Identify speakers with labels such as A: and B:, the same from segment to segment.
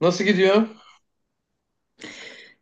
A: Nasıl gidiyor?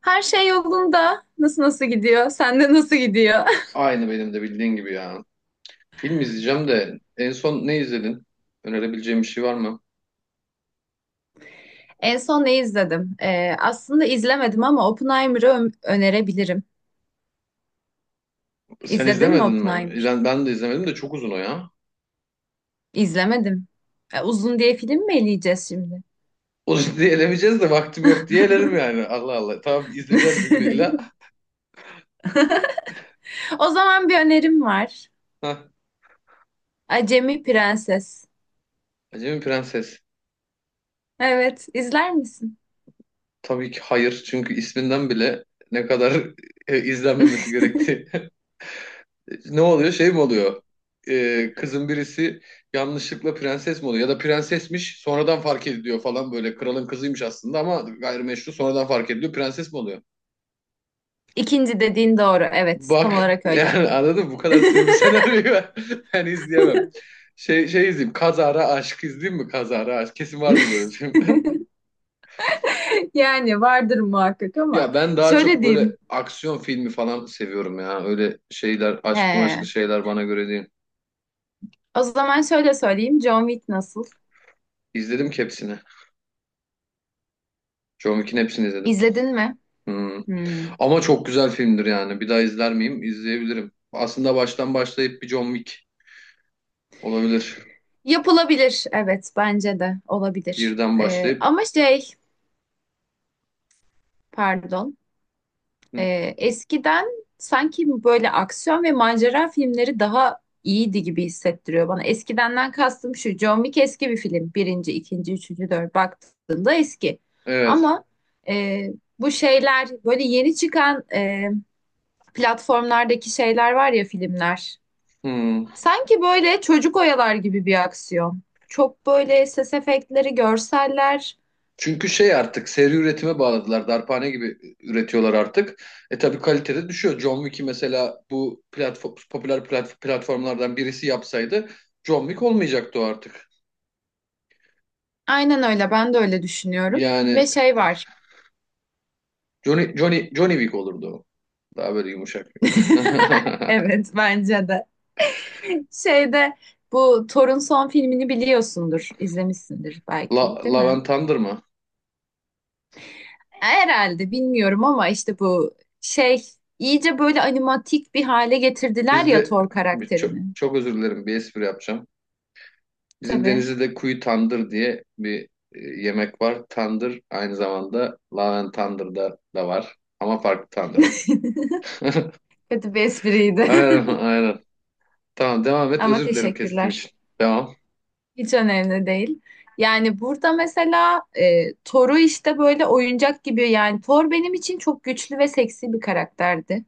B: Her şey yolunda. Nasıl gidiyor? Sende nasıl gidiyor?
A: Aynı benim de bildiğin gibi ya. Film izleyeceğim de en son ne izledin? Önerebileceğim bir şey var mı?
B: En son ne izledim? Aslında izlemedim ama Oppenheimer'ı önerebilirim.
A: Sen
B: İzledin mi
A: izlemedin mi?
B: Oppenheimer?
A: Ben de izlemedim de çok uzun o ya.
B: İzlemedim. E, uzun diye film mi eleyeceğiz şimdi?
A: O diye elemeyeceğiz de vaktim yok diye elerim yani. Allah Allah. Tamam izleyeceğiz bir gün illa.
B: O zaman bir önerim var.
A: Hah.
B: Acemi Prenses.
A: Acemi Prenses.
B: Evet, izler misin?
A: Tabii ki hayır. Çünkü isminden bile ne kadar izlenmemesi gerektiği ne oluyor? Şey mi oluyor? Kızın birisi yanlışlıkla prenses mi oluyor? Ya da prensesmiş sonradan fark ediliyor falan böyle. Kralın kızıymış aslında ama gayrimeşru sonradan fark ediliyor. Prenses mi oluyor?
B: İkinci dediğin doğru. Evet, tam
A: Bak
B: olarak öyle.
A: yani anladın mı? Bu kadar sığ bir senaryoyu ben, ben izleyemem. Şey izleyeyim. Kazara Aşk izleyeyim mi? Kazara Aşk. Kesin vardır böyle bir film.
B: Yani vardır muhakkak ama
A: Ya ben daha çok
B: şöyle
A: böyle
B: diyeyim.
A: aksiyon filmi falan seviyorum ya. Öyle şeyler, aşklı maşklı
B: He.
A: şeyler bana göre değil.
B: O zaman şöyle söyleyeyim. John Wick nasıl?
A: İzledim ki hepsini. John Wick'in hepsini izledim.
B: İzledin mi?
A: Hmm.
B: Hmm.
A: Ama çok güzel filmdir yani. Bir daha izler miyim? İzleyebilirim. Aslında baştan başlayıp bir John Wick olabilir.
B: Yapılabilir. Evet, bence de olabilir.
A: Birden başlayıp.
B: Ama şey, pardon. Eskiden sanki böyle aksiyon ve macera filmleri daha iyiydi gibi hissettiriyor bana. Eskidenden kastım şu. John Wick eski bir film. Birinci, ikinci, üçüncü, dört baktığında eski.
A: Evet.
B: Ama e, bu şeyler böyle yeni çıkan platformlardaki şeyler var ya filmler.
A: Hmm.
B: Sanki böyle çocuk oyalar gibi bir aksiyon. Çok böyle ses efektleri, görseller.
A: Çünkü şey artık seri üretime bağladılar. Darphane gibi üretiyorlar artık. E, tabii kalitede düşüyor. John Wick'i mesela bu platform, popüler platformlardan birisi yapsaydı John Wick olmayacaktı o artık.
B: Aynen öyle. Ben de öyle düşünüyorum. Ve
A: Yani
B: şey var.
A: Johnny Wick olurdu o. Daha böyle yumuşak.
B: Evet, bence de. Şeyde bu Thor'un son filmini biliyorsundur, izlemişsindir belki, değil
A: Love
B: mi?
A: and Thunder mı?
B: E, herhalde bilmiyorum ama işte bu şey iyice böyle animatik bir hale getirdiler ya
A: Bizde
B: Thor
A: çok,
B: karakterini.
A: çok özür dilerim bir espri yapacağım. Bizim
B: Tabii.
A: Denizli'de kuyu tandır diye bir yemek var. Tandır aynı zamanda Laven Tandır'da da var. Ama farklı tandır o.
B: Kötü bir espriydi.
A: Aynen aynen. Tamam devam et.
B: Ama
A: Özür dilerim kestiğim
B: teşekkürler.
A: için. Devam.
B: Hiç önemli değil. Yani burada mesela Thor'u işte böyle oyuncak gibi yani Thor benim için çok güçlü ve seksi bir karakterdi.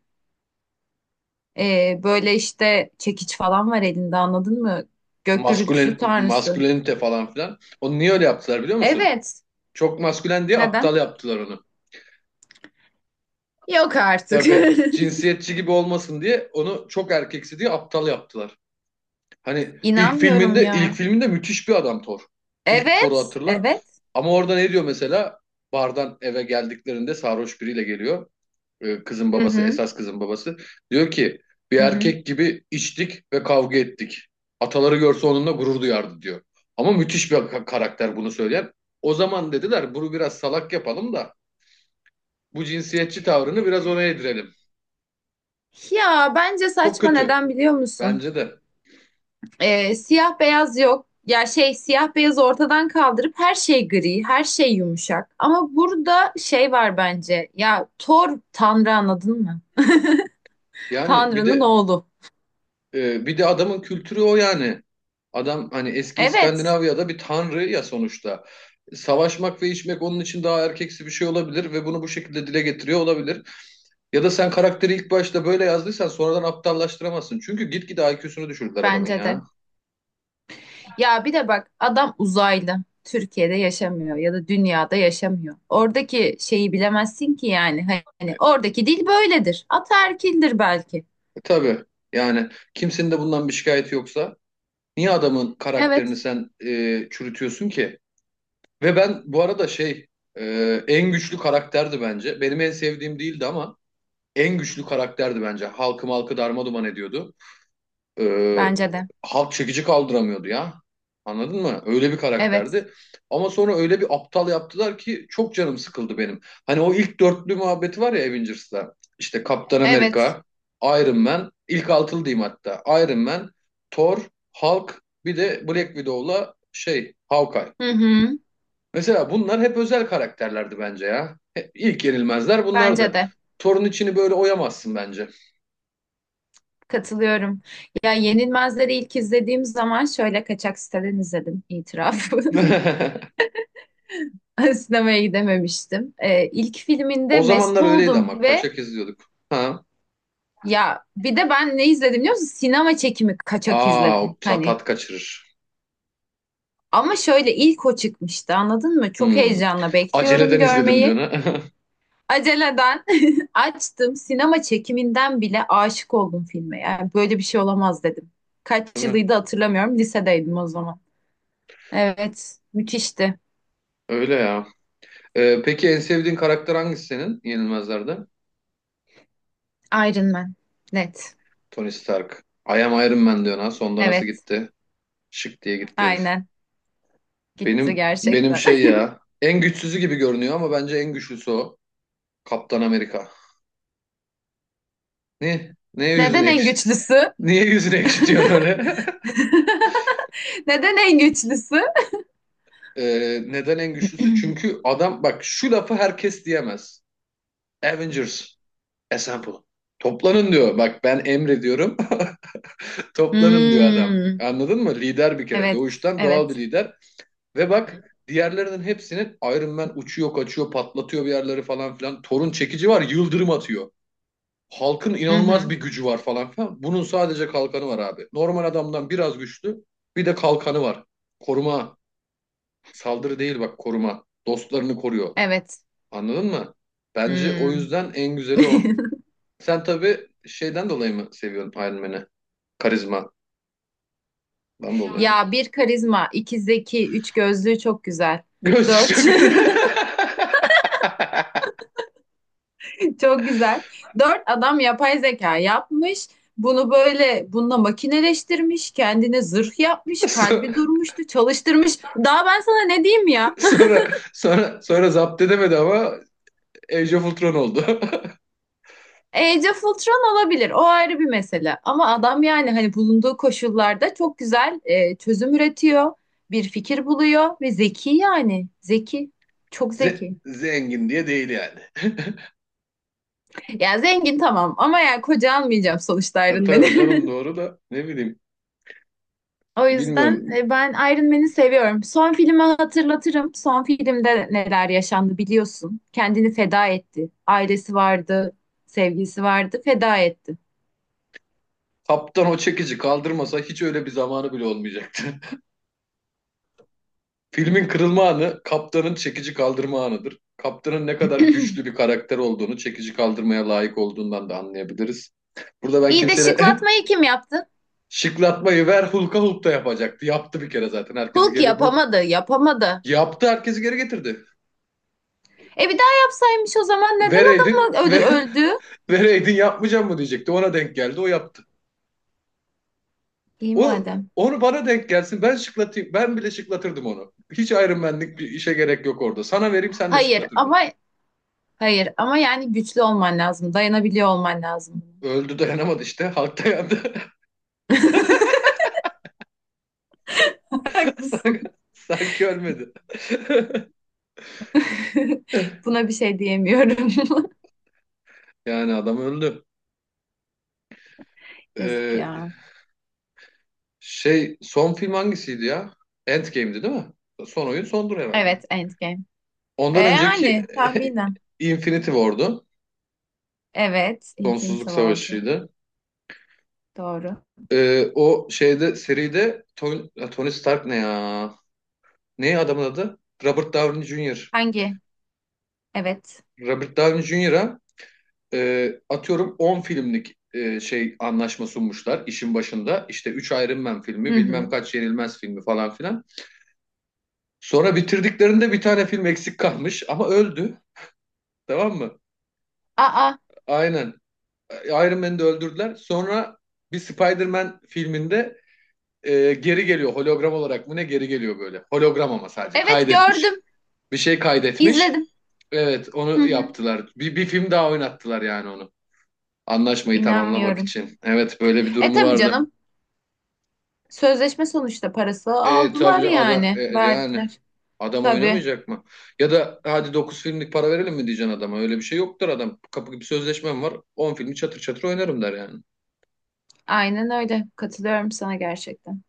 B: E, böyle işte çekiç falan var elinde anladın mı? Gök gürültüsü
A: Maskülen,
B: tanrısı.
A: maskülenite falan filan. Onu niye öyle yaptılar biliyor musun?
B: Evet.
A: Çok maskülen diye
B: Neden?
A: aptal yaptılar onu.
B: Yok artık.
A: Tabii cinsiyetçi gibi olmasın diye onu çok erkeksi diye aptal yaptılar. Hani ilk
B: İnanmıyorum
A: filminde ilk
B: ya.
A: filminde müthiş bir adam Thor. İlk Thor'u
B: Evet,
A: hatırla.
B: evet.
A: Ama orada ne diyor mesela? Bardan eve geldiklerinde sarhoş biriyle geliyor. Kızın
B: Hı
A: babası,
B: hı,
A: esas kızın babası. Diyor ki bir
B: hı hı.
A: erkek gibi içtik ve kavga ettik. Ataları görse onunla gurur duyardı diyor. Ama müthiş bir karakter bunu söyleyen. O zaman dediler bunu biraz salak yapalım da bu cinsiyetçi tavrını biraz ona yedirelim.
B: Ya bence
A: Çok
B: saçma
A: kötü
B: neden biliyor musun?
A: bence de.
B: Siyah beyaz yok. Ya şey siyah beyaz ortadan kaldırıp her şey gri, her şey yumuşak. Ama burada şey var bence. Ya Thor Tanrı anladın mı?
A: Yani bir
B: Tanrı'nın
A: de
B: oğlu.
A: Ee, bir de adamın kültürü o yani. Adam hani eski
B: Evet,
A: İskandinavya'da bir tanrı ya sonuçta. Savaşmak ve içmek onun için daha erkeksi bir şey olabilir ve bunu bu şekilde dile getiriyor olabilir. Ya da sen karakteri ilk başta böyle yazdıysan sonradan aptallaştıramazsın. Çünkü gitgide IQ'sunu düşürdüler adamın
B: bence
A: ya.
B: de. Ya bir de bak adam uzaylı. Türkiye'de yaşamıyor ya da dünyada yaşamıyor. Oradaki şeyi bilemezsin ki yani. Hani oradaki dil böyledir. Ataerkildir belki.
A: E, tabii yani kimsenin de bundan bir şikayeti yoksa niye adamın karakterini
B: Evet.
A: sen çürütüyorsun ki? Ve ben bu arada şey e, en güçlü karakterdi bence. Benim en sevdiğim değildi ama en güçlü karakterdi bence. Halkı malkı darma duman ediyordu. Ee,
B: Bence de.
A: halk çekici kaldıramıyordu ya. Anladın mı? Öyle bir
B: Evet.
A: karakterdi. Ama sonra öyle bir aptal yaptılar ki çok canım sıkıldı benim. Hani o ilk dörtlü muhabbeti var ya Avengers'ta. İşte Kaptan
B: Evet.
A: Amerika, Iron Man, ilk altılı diyeyim hatta. Iron Man, Thor, Hulk, bir de Black Widow'la şey Hawkeye.
B: Hı hı.
A: Mesela bunlar hep özel karakterlerdi bence ya. İlk yenilmezler
B: Bence
A: bunlardı.
B: de.
A: Thor'un içini böyle oyamazsın bence.
B: Katılıyorum. Ya Yenilmezleri ilk izlediğim zaman şöyle kaçak siteden izledim itiraf. Sinemaya gidememiştim. İlk filminde
A: O
B: mest
A: zamanlar öyleydi
B: oldum
A: ama
B: ve
A: kaçak izliyorduk. Ha.
B: ya bir de ben ne izledim biliyor musun? Sinema çekimi kaçak
A: Aa, o
B: izledim. Hani
A: tat kaçırır.
B: ama şöyle ilk o çıkmıştı anladın mı? Çok
A: Hmm.
B: heyecanla bekliyorum
A: Aceleden izledim diyor
B: görmeyi.
A: ne?
B: Aceleden açtım. Sinema çekiminden bile aşık oldum filme. Yani böyle bir şey olamaz dedim. Kaç
A: Değil mi?
B: yılıydı hatırlamıyorum. Lisedeydim o zaman. Evet, müthişti.
A: Öyle ya. Peki en sevdiğin karakter hangisi senin Yenilmezler'de?
B: Iron Man. Net.
A: Tony Stark. I am Iron Man diyor ha. Sonda nasıl
B: Evet,
A: gitti? Şık diye gitti herif.
B: aynen. Gitti
A: Benim
B: gerçekten.
A: şey ya. En güçsüzü gibi görünüyor ama bence en güçlüsü o. Kaptan Amerika. Ne? Neye yüzünü
B: Neden en
A: ekşi?
B: güçlüsü?
A: Niye yüzünü ekşitiyorsun öyle?
B: Neden en güçlüsü?
A: Neden en güçlüsü? Çünkü adam bak şu lafı herkes diyemez. Avengers Assemble. Toplanın diyor. Bak ben emrediyorum. Toplanın diyor adam.
B: Hmm.
A: Anladın mı? Lider bir kere.
B: Evet,
A: Doğuştan doğal bir
B: evet.
A: lider. Ve bak diğerlerinin hepsinin Iron Man uçuyor, kaçıyor, patlatıyor bir yerleri falan filan. Thor'un çekici var, yıldırım atıyor. Halkın
B: Hı
A: inanılmaz
B: hı.
A: bir gücü var falan filan. Bunun sadece kalkanı var abi. Normal adamdan biraz güçlü. Bir de kalkanı var. Koruma. Saldırı değil bak koruma. Dostlarını koruyor.
B: Evet.
A: Anladın mı? Bence o
B: Hmm.
A: yüzden en güzeli o. Sen tabii şeyden dolayı mı seviyorsun Iron Man'i? Karizmadan dolayı mı? Yani
B: Ya bir karizma, iki zeki, üç gözlüğü çok güzel.
A: göğsü
B: Dört.
A: çok...
B: Çok güzel. Dört adam yapay zeka yapmış. Bunu böyle bununla makineleştirmiş. Kendine zırh yapmış.
A: So-
B: Kalbi durmuştu. Çalıştırmış. Daha ben sana ne diyeyim ya?
A: Sonra, sonra zapt edemedi ama Age of Ultron oldu.
B: Age of Ultron olabilir. O ayrı bir mesele. Ama adam yani hani bulunduğu koşullarda çok güzel çözüm üretiyor. Bir fikir buluyor ve zeki yani. Zeki. Çok zeki.
A: Zengin diye değil yani.
B: Ya zengin tamam ama ya koca almayacağım sonuçta
A: Ha,
B: Iron Man'i.
A: tabii canım doğru da ne bileyim.
B: O yüzden
A: Bilmiyorum.
B: ben Iron Man'i seviyorum. Son filmi hatırlatırım. Son filmde neler yaşandı biliyorsun. Kendini feda etti. Ailesi vardı, sevgilisi vardı, feda etti.
A: Kaptan o çekici kaldırmasa hiç öyle bir zamanı bile olmayacak. Filmin kırılma anı kaptanın çekici kaldırma anıdır. Kaptanın ne kadar güçlü bir karakter olduğunu, çekici kaldırmaya layık olduğundan da anlayabiliriz. Burada ben
B: İyi de
A: kimseyle
B: şıklatmayı kim yaptı?
A: şıklatmayı ver Hulk'a Hulk da yapacaktı. Yaptı bir kere zaten herkesi
B: Hulk
A: geri Hulk
B: yapamadı, yapamadı.
A: yaptı herkesi geri getirdi.
B: E bir daha yapsaymış o zaman neden
A: Vereydin
B: adamı öldü,
A: ve
B: öldü?
A: vereydin yapmayacağım mı diyecekti. Ona denk geldi o yaptı.
B: İyi
A: O
B: madem.
A: onu bana denk gelsin ben şıklatayım. Ben bile şıklatırdım onu. Hiç Iron Man'lik bir işe gerek yok orada. Sana vereyim sen de
B: Hayır
A: şıklatırdın.
B: ama hayır ama yani güçlü olman lazım, dayanabiliyor olman lazım.
A: Öldü dayanamadı işte. Hulk dayandı. Sanki
B: Haklısın.
A: sanki ölmedi.
B: Buna bir şey diyemiyorum.
A: Yani adam öldü.
B: Yazık
A: Ee,
B: ya.
A: son film hangisiydi ya? Endgame'di değil mi? Son oyun sondur herhalde.
B: Evet, Endgame. E
A: Ondan önceki
B: yani tahminen.
A: Infinity War'du.
B: Evet, Infinity
A: Sonsuzluk
B: War'du.
A: Savaşı'ydı.
B: Doğru.
A: O şeyde seride Tony Stark ne ya? Ne adamın adı? Robert Downey Jr.
B: Hangi? Evet.
A: Robert Downey Jr.'a atıyorum 10 filmlik şey anlaşma sunmuşlar işin başında. İşte 3 Iron Man
B: Hı
A: filmi, bilmem
B: hı.
A: kaç Yenilmez filmi falan filan. Sonra bitirdiklerinde bir tane film eksik kalmış ama öldü. Tamam mı?
B: Aa,
A: Aynen. Iron Man'i de öldürdüler. Sonra bir Spider-Man filminde geri geliyor. Hologram olarak mı ne geri geliyor böyle. Hologram ama sadece
B: evet
A: kaydetmiş.
B: gördüm.
A: Bir şey kaydetmiş.
B: İzledim.
A: Evet
B: Hı
A: onu
B: hı.
A: yaptılar. Bir film daha oynattılar yani onu. Anlaşmayı tamamlamak
B: İnanmıyorum.
A: için. Evet böyle bir
B: E
A: durumu
B: tabii
A: vardı.
B: canım. Sözleşme sonuçta parası
A: E,
B: aldılar
A: tabii adam
B: yani.
A: yani
B: Verdiler.
A: adam
B: Tabii.
A: oynamayacak mı? Ya da hadi 9 filmlik para verelim mi diyeceksin adama? Öyle bir şey yoktur adam. Kapı gibi sözleşmem var. On filmi çatır çatır oynarım der yani.
B: Aynen öyle. Katılıyorum sana gerçekten.